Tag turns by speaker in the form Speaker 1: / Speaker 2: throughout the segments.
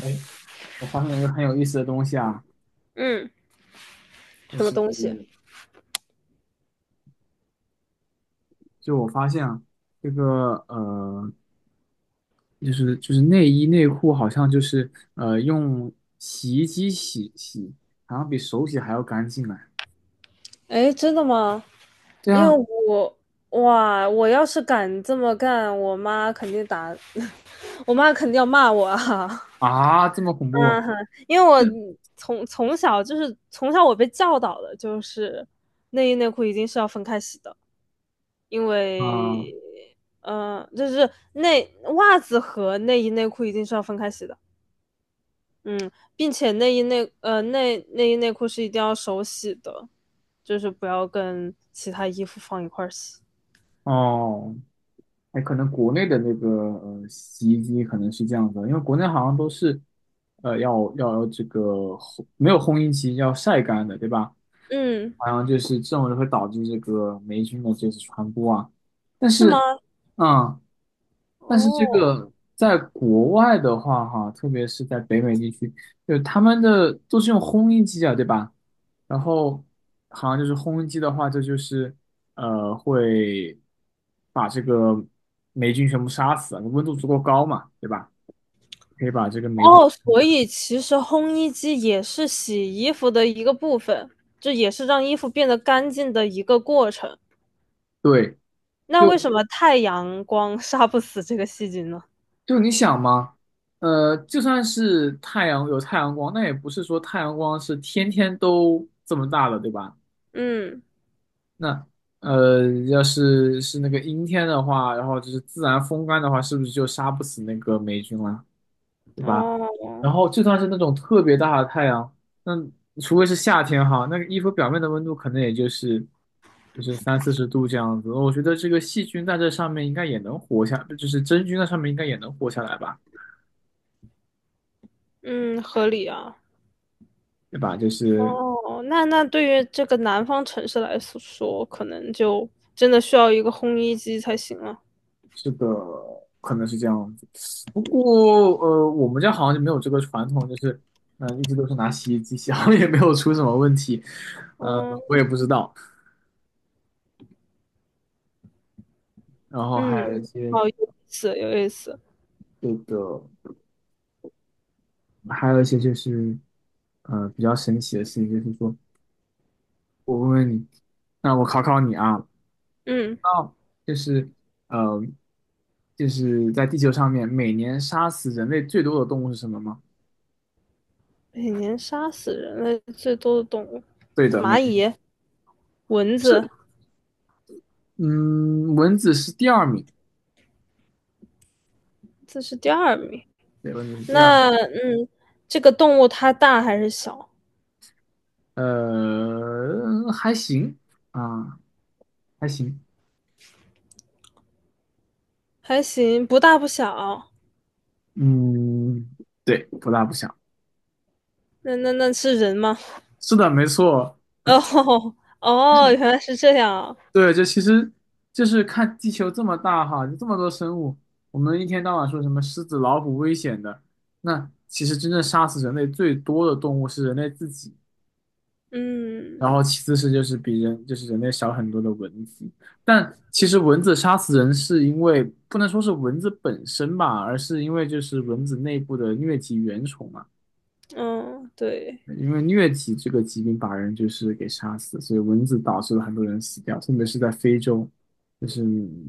Speaker 1: 哎，我发现了一个很有意思的东西啊，
Speaker 2: 嗯，
Speaker 1: 就
Speaker 2: 什么
Speaker 1: 是
Speaker 2: 东西？
Speaker 1: 就我发现啊，这个就是内衣内裤好像就是用洗衣机洗洗，好像比手洗还要干净哎。
Speaker 2: 哎，真的吗？
Speaker 1: 对
Speaker 2: 因
Speaker 1: 啊。
Speaker 2: 为我哇，我要是敢这么干，我妈肯定打，我妈肯定要骂我啊。
Speaker 1: 啊，这么恐怖
Speaker 2: 嗯
Speaker 1: 啊！
Speaker 2: 哼，因为我从小我被教导的就是内衣内裤一定是要分开洗的，因
Speaker 1: 啊，
Speaker 2: 为就是内袜子和内衣内裤一定是要分开洗的，嗯，并且内衣内裤是一定要手洗的，就是不要跟其他衣服放一块儿洗。
Speaker 1: 哦。哎，可能国内的那个洗衣机可能是这样的，因为国内好像都是，要这个没有烘衣机，要晒干的，对吧？
Speaker 2: 嗯，
Speaker 1: 好像就是这种就会导致这个霉菌的这次传播啊。但
Speaker 2: 是吗？
Speaker 1: 是，嗯，但是这
Speaker 2: 哦
Speaker 1: 个在国外的话，哈，特别是在北美地区，就他们的都是用烘衣机啊，对吧？然后好像就是烘衣机的话，这就是会把这个霉菌全部杀死，温度足够高嘛，对吧？可以把这个霉菌，
Speaker 2: 哦，所以其实烘衣机也是洗衣服的一个部分，这也是让衣服变得干净的一个过程。
Speaker 1: 对，
Speaker 2: 那
Speaker 1: 就
Speaker 2: 为什么太阳光 杀不死这个细菌呢？
Speaker 1: 就你想嘛，就算是太阳有太阳光，那也不是说太阳光是天天都这么大的，对吧？
Speaker 2: 嗯，
Speaker 1: 那呃，要是那个阴天的话，然后就是自然风干的话，是不是就杀不死那个霉菌了？对吧？
Speaker 2: 哦，
Speaker 1: 然后就算是那种特别大的太阳，那除非是夏天哈，那个衣服表面的温度可能也就是三四十度这样子。我觉得这个细菌在这上面应该也能活下，就是真菌在上面应该也能活下来吧，
Speaker 2: 嗯，合理啊。
Speaker 1: 对吧？就是
Speaker 2: 哦，那对于这个南方城市来说，可能就真的需要一个烘衣机才行了。
Speaker 1: 这个可能是这样子。不过我们家好像就没有这个传统，就是一直都是拿洗衣机洗，好像也没有出什么问题。呃，我
Speaker 2: 嗯
Speaker 1: 也不知道。然后还
Speaker 2: 嗯，
Speaker 1: 有一些
Speaker 2: 好有意思，有意思。
Speaker 1: 这个。还有一些就是，比较神奇的事情，就是说我问问你，那我考考你啊。
Speaker 2: 嗯，
Speaker 1: 那就是呃，就是在地球上面每年杀死人类最多的动物是什么吗？
Speaker 2: 每年杀死人类最多的动物，
Speaker 1: 对的，每
Speaker 2: 蚂
Speaker 1: 年。
Speaker 2: 蚁、蚊
Speaker 1: 是。
Speaker 2: 子，
Speaker 1: 嗯，蚊子是第二名。
Speaker 2: 这是第二名。
Speaker 1: 对，蚊子是第二。
Speaker 2: 那这个动物它大还是小？
Speaker 1: 还行啊，还行。
Speaker 2: 还行，不大不小。
Speaker 1: 嗯，对，不大不小。
Speaker 2: 那那是人吗？
Speaker 1: 是的，没错。
Speaker 2: 哦哦，原来是这样啊。
Speaker 1: 对，就其实就是看地球这么大哈，就这么多生物，我们一天到晚说什么狮子、老虎危险的，那其实真正杀死人类最多的动物是人类自己，然
Speaker 2: 嗯
Speaker 1: 后其次是就是比人就是人类少很多的蚊子。但其实蚊子杀死人是因为不能说是蚊子本身吧，而是因为就是蚊子内部的疟疾原虫嘛。
Speaker 2: 嗯，对，
Speaker 1: 因为疟疾这个疾病把人就是给杀死，所以蚊子导致了很多人死掉，特别是在非洲，就是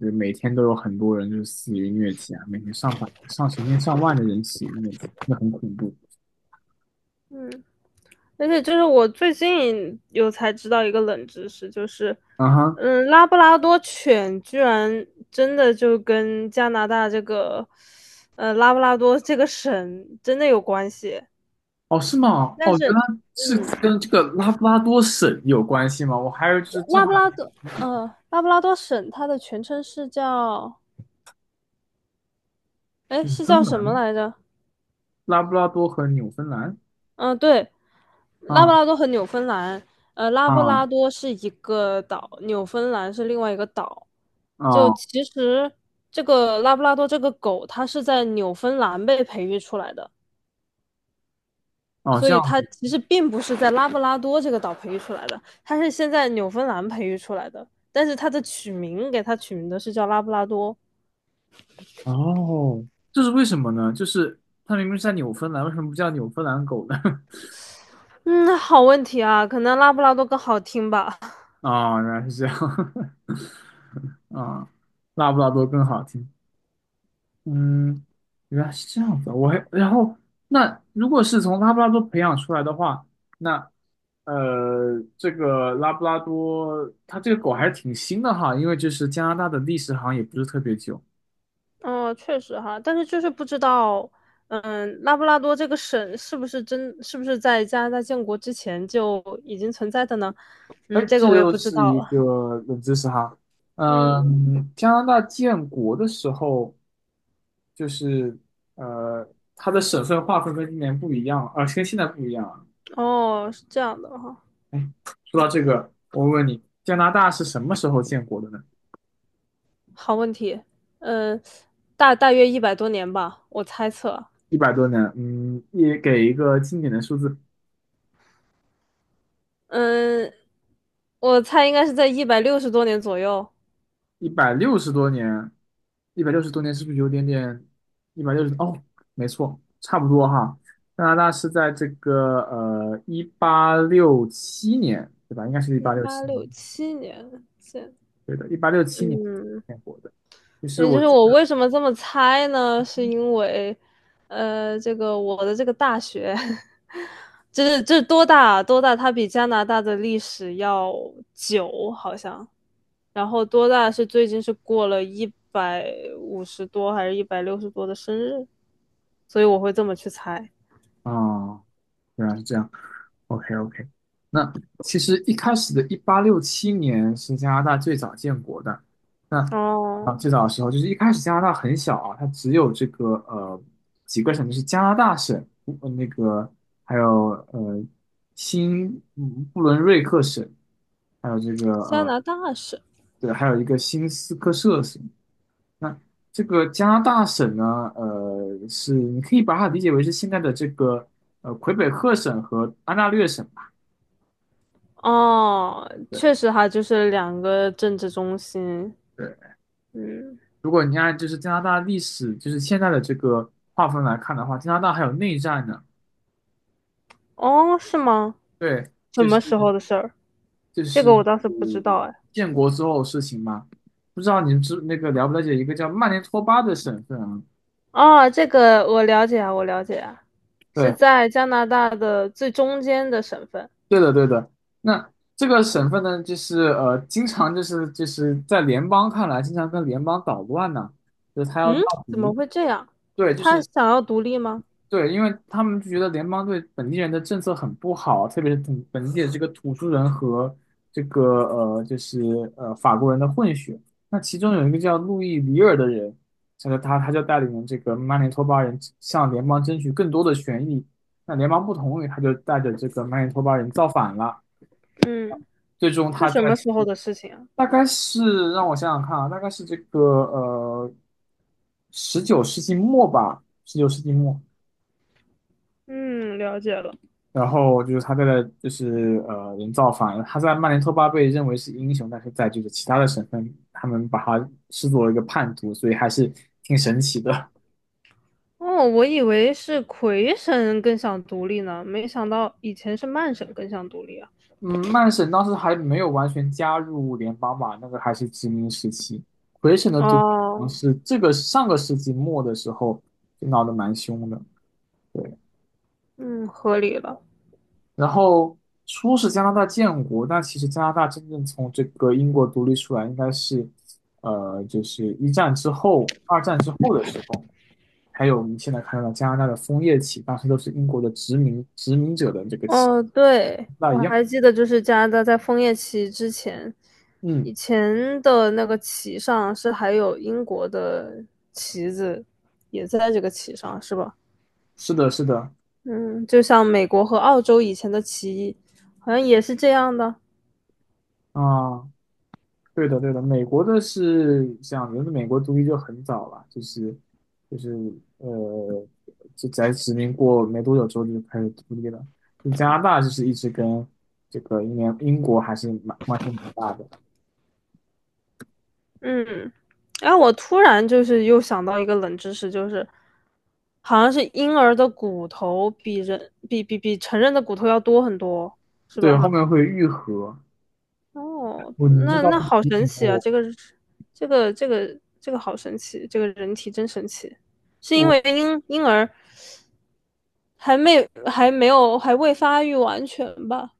Speaker 1: 每天都有很多人就是死于疟疾啊，每天上成千上万的人死于疟疾，那很恐怖。
Speaker 2: 嗯，而且就是我最近有才知道一个冷知识，就是，
Speaker 1: 啊哈。
Speaker 2: 嗯，拉布拉多犬居然真的就跟加拿大这个，拉布拉多这个省真的有关系。
Speaker 1: 哦，是吗？
Speaker 2: 但
Speaker 1: 哦，原来
Speaker 2: 是，
Speaker 1: 是
Speaker 2: 嗯，
Speaker 1: 跟这个拉布拉多省有关系吗？我还有就是正
Speaker 2: 拉
Speaker 1: 好
Speaker 2: 布拉多，拉布拉多省它的全称是叫，哎，
Speaker 1: 纽
Speaker 2: 是
Speaker 1: 芬
Speaker 2: 叫什么
Speaker 1: 兰，
Speaker 2: 来着？
Speaker 1: 拉布拉多和纽芬兰。
Speaker 2: 嗯、对，拉布
Speaker 1: 啊
Speaker 2: 拉多和纽芬兰，拉布
Speaker 1: 啊
Speaker 2: 拉多是一个岛，纽芬兰是另外一个岛。就
Speaker 1: 啊
Speaker 2: 其实这个拉布拉多这个狗，它是在纽芬兰被培育出来的，
Speaker 1: 哦，
Speaker 2: 所
Speaker 1: 这
Speaker 2: 以
Speaker 1: 样。
Speaker 2: 它
Speaker 1: 子。
Speaker 2: 其实并不是在拉布拉多这个岛培育出来的，它是先在纽芬兰培育出来的。但是它的取名给它取名的是叫拉布拉多。
Speaker 1: 哦，这是为什么呢？就是它明明是在纽芬兰，为什么不叫纽芬兰狗呢？
Speaker 2: 嗯，好问题啊，可能拉布拉多更好听吧。
Speaker 1: 啊、原来是这样。啊、拉布拉多更好听。嗯，原来是这样子啊。然后那如果是从拉布拉多培养出来的话，那这个拉布拉多它这个狗还是挺新的哈，因为就是加拿大的历史好像也不是特别久。
Speaker 2: 哦，确实哈，但是就是不知道，嗯，拉布拉多这个省是不是在加拿大建国之前就已经存在的呢？
Speaker 1: 哎，
Speaker 2: 嗯，这个
Speaker 1: 这
Speaker 2: 我也
Speaker 1: 又
Speaker 2: 不知
Speaker 1: 是
Speaker 2: 道
Speaker 1: 一
Speaker 2: 了。
Speaker 1: 个冷知识哈。
Speaker 2: 嗯，
Speaker 1: 嗯，加拿大建国的时候。就是呃，它的省份划分跟今年不一样，跟现在不一样了。
Speaker 2: 哦，是这样的哈，
Speaker 1: 哎，说到这个，我问你，加拿大是什么时候建国的呢？
Speaker 2: 好问题。嗯，大约100多年吧，我猜测。
Speaker 1: 100多年，嗯，也给一个经典的数字。
Speaker 2: 嗯，我猜应该是在160多年左右，
Speaker 1: 一百六十多年，一百六十多年是不是有点点？一百六十，哦，没错，差不多哈。加拿大是在这个一八六七年，对吧？应该是一
Speaker 2: 一
Speaker 1: 八六
Speaker 2: 八
Speaker 1: 七
Speaker 2: 六
Speaker 1: 年，
Speaker 2: 七年建。
Speaker 1: 对的，一八六七年
Speaker 2: 嗯，
Speaker 1: 建国的。就是
Speaker 2: 也
Speaker 1: 我
Speaker 2: 就是我为什么这么猜呢？是因为，这个我的这个大学，就是这多大啊多大，它比加拿大的历史要久，好像。然后多大是最近是过了150多还是一百六十多的生日，所以我会这么去猜。
Speaker 1: 啊，原来是这样。OK OK,那其实一开始的一八六七年是加拿大最早建国的。那
Speaker 2: 哦，
Speaker 1: 最早的时候就是一开始加拿大很小啊，它只有这个几个省，就是加拿大省，那个还有新布伦瑞克省，还有这个
Speaker 2: 加拿大是
Speaker 1: 对，还有一个新斯科舍省。那这个加拿大省呢，是你可以把它理解为是现在的这个魁北克省和安大略省吧。
Speaker 2: 哦，确
Speaker 1: 对
Speaker 2: 实哈，就是两个政治中心。
Speaker 1: 对。
Speaker 2: 嗯，
Speaker 1: 如果你按就是加拿大历史，就是现在的这个划分来看的话，加拿大还有内战呢。
Speaker 2: 哦，是吗？
Speaker 1: 对，
Speaker 2: 什
Speaker 1: 就是
Speaker 2: 么时候的事儿？
Speaker 1: 就
Speaker 2: 这个
Speaker 1: 是
Speaker 2: 我倒是不知道哎。
Speaker 1: 建国之后的事情嘛。不知道你们知那个了不了解一个叫曼尼托巴的省份啊？
Speaker 2: 哦，这个我了解啊，我了解啊，是
Speaker 1: 对，
Speaker 2: 在加拿大的最中间的省份。
Speaker 1: 对的，对的。那这个省份呢，就是经常就是在联邦看来，经常跟联邦捣乱呢，就是他要闹
Speaker 2: 嗯，
Speaker 1: 独
Speaker 2: 怎么
Speaker 1: 立。
Speaker 2: 会这样？
Speaker 1: 对，
Speaker 2: 他想要独立吗？
Speaker 1: 对，因为他们就觉得联邦对本地人的政策很不好，特别是本地的这个土著人和这个就是法国人的混血。那其中有一个叫路易里尔的人，这个他就带领这个曼尼托巴人向联邦争取更多的权益。那联邦不同意，他就带着这个曼尼托巴人造反了。
Speaker 2: 嗯，
Speaker 1: 最终
Speaker 2: 是
Speaker 1: 他在
Speaker 2: 什么时候的事情啊？
Speaker 1: 大概是让我想想看啊，大概是这个十九世纪末吧，十九世纪末。
Speaker 2: 嗯，了解了。
Speaker 1: 然后就是他在的就是人造反，他在曼联托巴被认为是英雄，但是在就是其他的省份，他们把他视作一个叛徒，所以还是挺神奇的。
Speaker 2: 哦，我以为是魁省更想独立呢，没想到以前是曼省更想独立啊。
Speaker 1: 嗯，曼省当时还没有完全加入联邦吧，那个还是殖民时期。魁省的独立好像
Speaker 2: 哦，
Speaker 1: 是这个上个世纪末的时候就闹得蛮凶的。对，
Speaker 2: 嗯，合理了。
Speaker 1: 然后是加拿大建国，但其实加拿大真正从这个英国独立出来，应该是，就是一战之后、二战之后的时候，还有我们现在看到的加拿大的枫叶旗，当时都是英国的殖民者的这个旗，
Speaker 2: 哦，对，
Speaker 1: 那
Speaker 2: 我
Speaker 1: 一样。
Speaker 2: 还记得，就是加拿大在枫叶旗之前，
Speaker 1: 嗯，
Speaker 2: 以前的那个旗上是还有英国的旗子，也在这个旗上，是吧？
Speaker 1: 是的，是的。
Speaker 2: 嗯，就像美国和澳洲以前的旗，好像也是这样的。
Speaker 1: 啊、对的，对的，美国的是像因为美国独立就很早了，就是呃，就在殖民过没多久之后就开始独立了。加拿大就是一直跟这个英国还是关系蛮大的。
Speaker 2: 嗯，哎，我突然就是又想到一个冷知识，就是好像是婴儿的骨头比人比比比成人的骨头要多很多，是
Speaker 1: 对，
Speaker 2: 吧？
Speaker 1: 后面会愈合。
Speaker 2: 哦，
Speaker 1: 你这
Speaker 2: 那
Speaker 1: 倒
Speaker 2: 那
Speaker 1: 是
Speaker 2: 好
Speaker 1: 提
Speaker 2: 神
Speaker 1: 醒了
Speaker 2: 奇啊！
Speaker 1: 我。
Speaker 2: 这个好神奇，这个人体真神奇。是因
Speaker 1: 我
Speaker 2: 为婴儿还没还没有还未发育完全吧？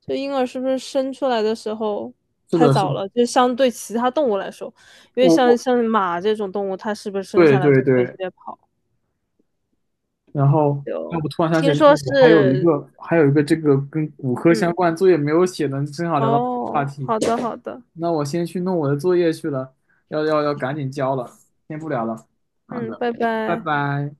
Speaker 2: 这婴儿是不是生出来的时候
Speaker 1: 是
Speaker 2: 太
Speaker 1: 的，是
Speaker 2: 早
Speaker 1: 的。
Speaker 2: 了？就相对其他动物来说，因为
Speaker 1: 我
Speaker 2: 像
Speaker 1: 我
Speaker 2: 像马这种动物，它是不是生
Speaker 1: 对
Speaker 2: 下来
Speaker 1: 对
Speaker 2: 就可以直
Speaker 1: 对，
Speaker 2: 接跑？
Speaker 1: 然后哎我突然想起
Speaker 2: 听
Speaker 1: 来，就是
Speaker 2: 说
Speaker 1: 我
Speaker 2: 是，
Speaker 1: 还有一个这个跟骨科相
Speaker 2: 嗯，
Speaker 1: 关作业没有写呢，正好聊到这个话
Speaker 2: 哦，
Speaker 1: 题。
Speaker 2: 好的好的，
Speaker 1: 那我先去弄我的作业去了，要赶紧交了，先不聊了。好
Speaker 2: 嗯，
Speaker 1: 的，
Speaker 2: 拜
Speaker 1: 拜
Speaker 2: 拜。
Speaker 1: 拜。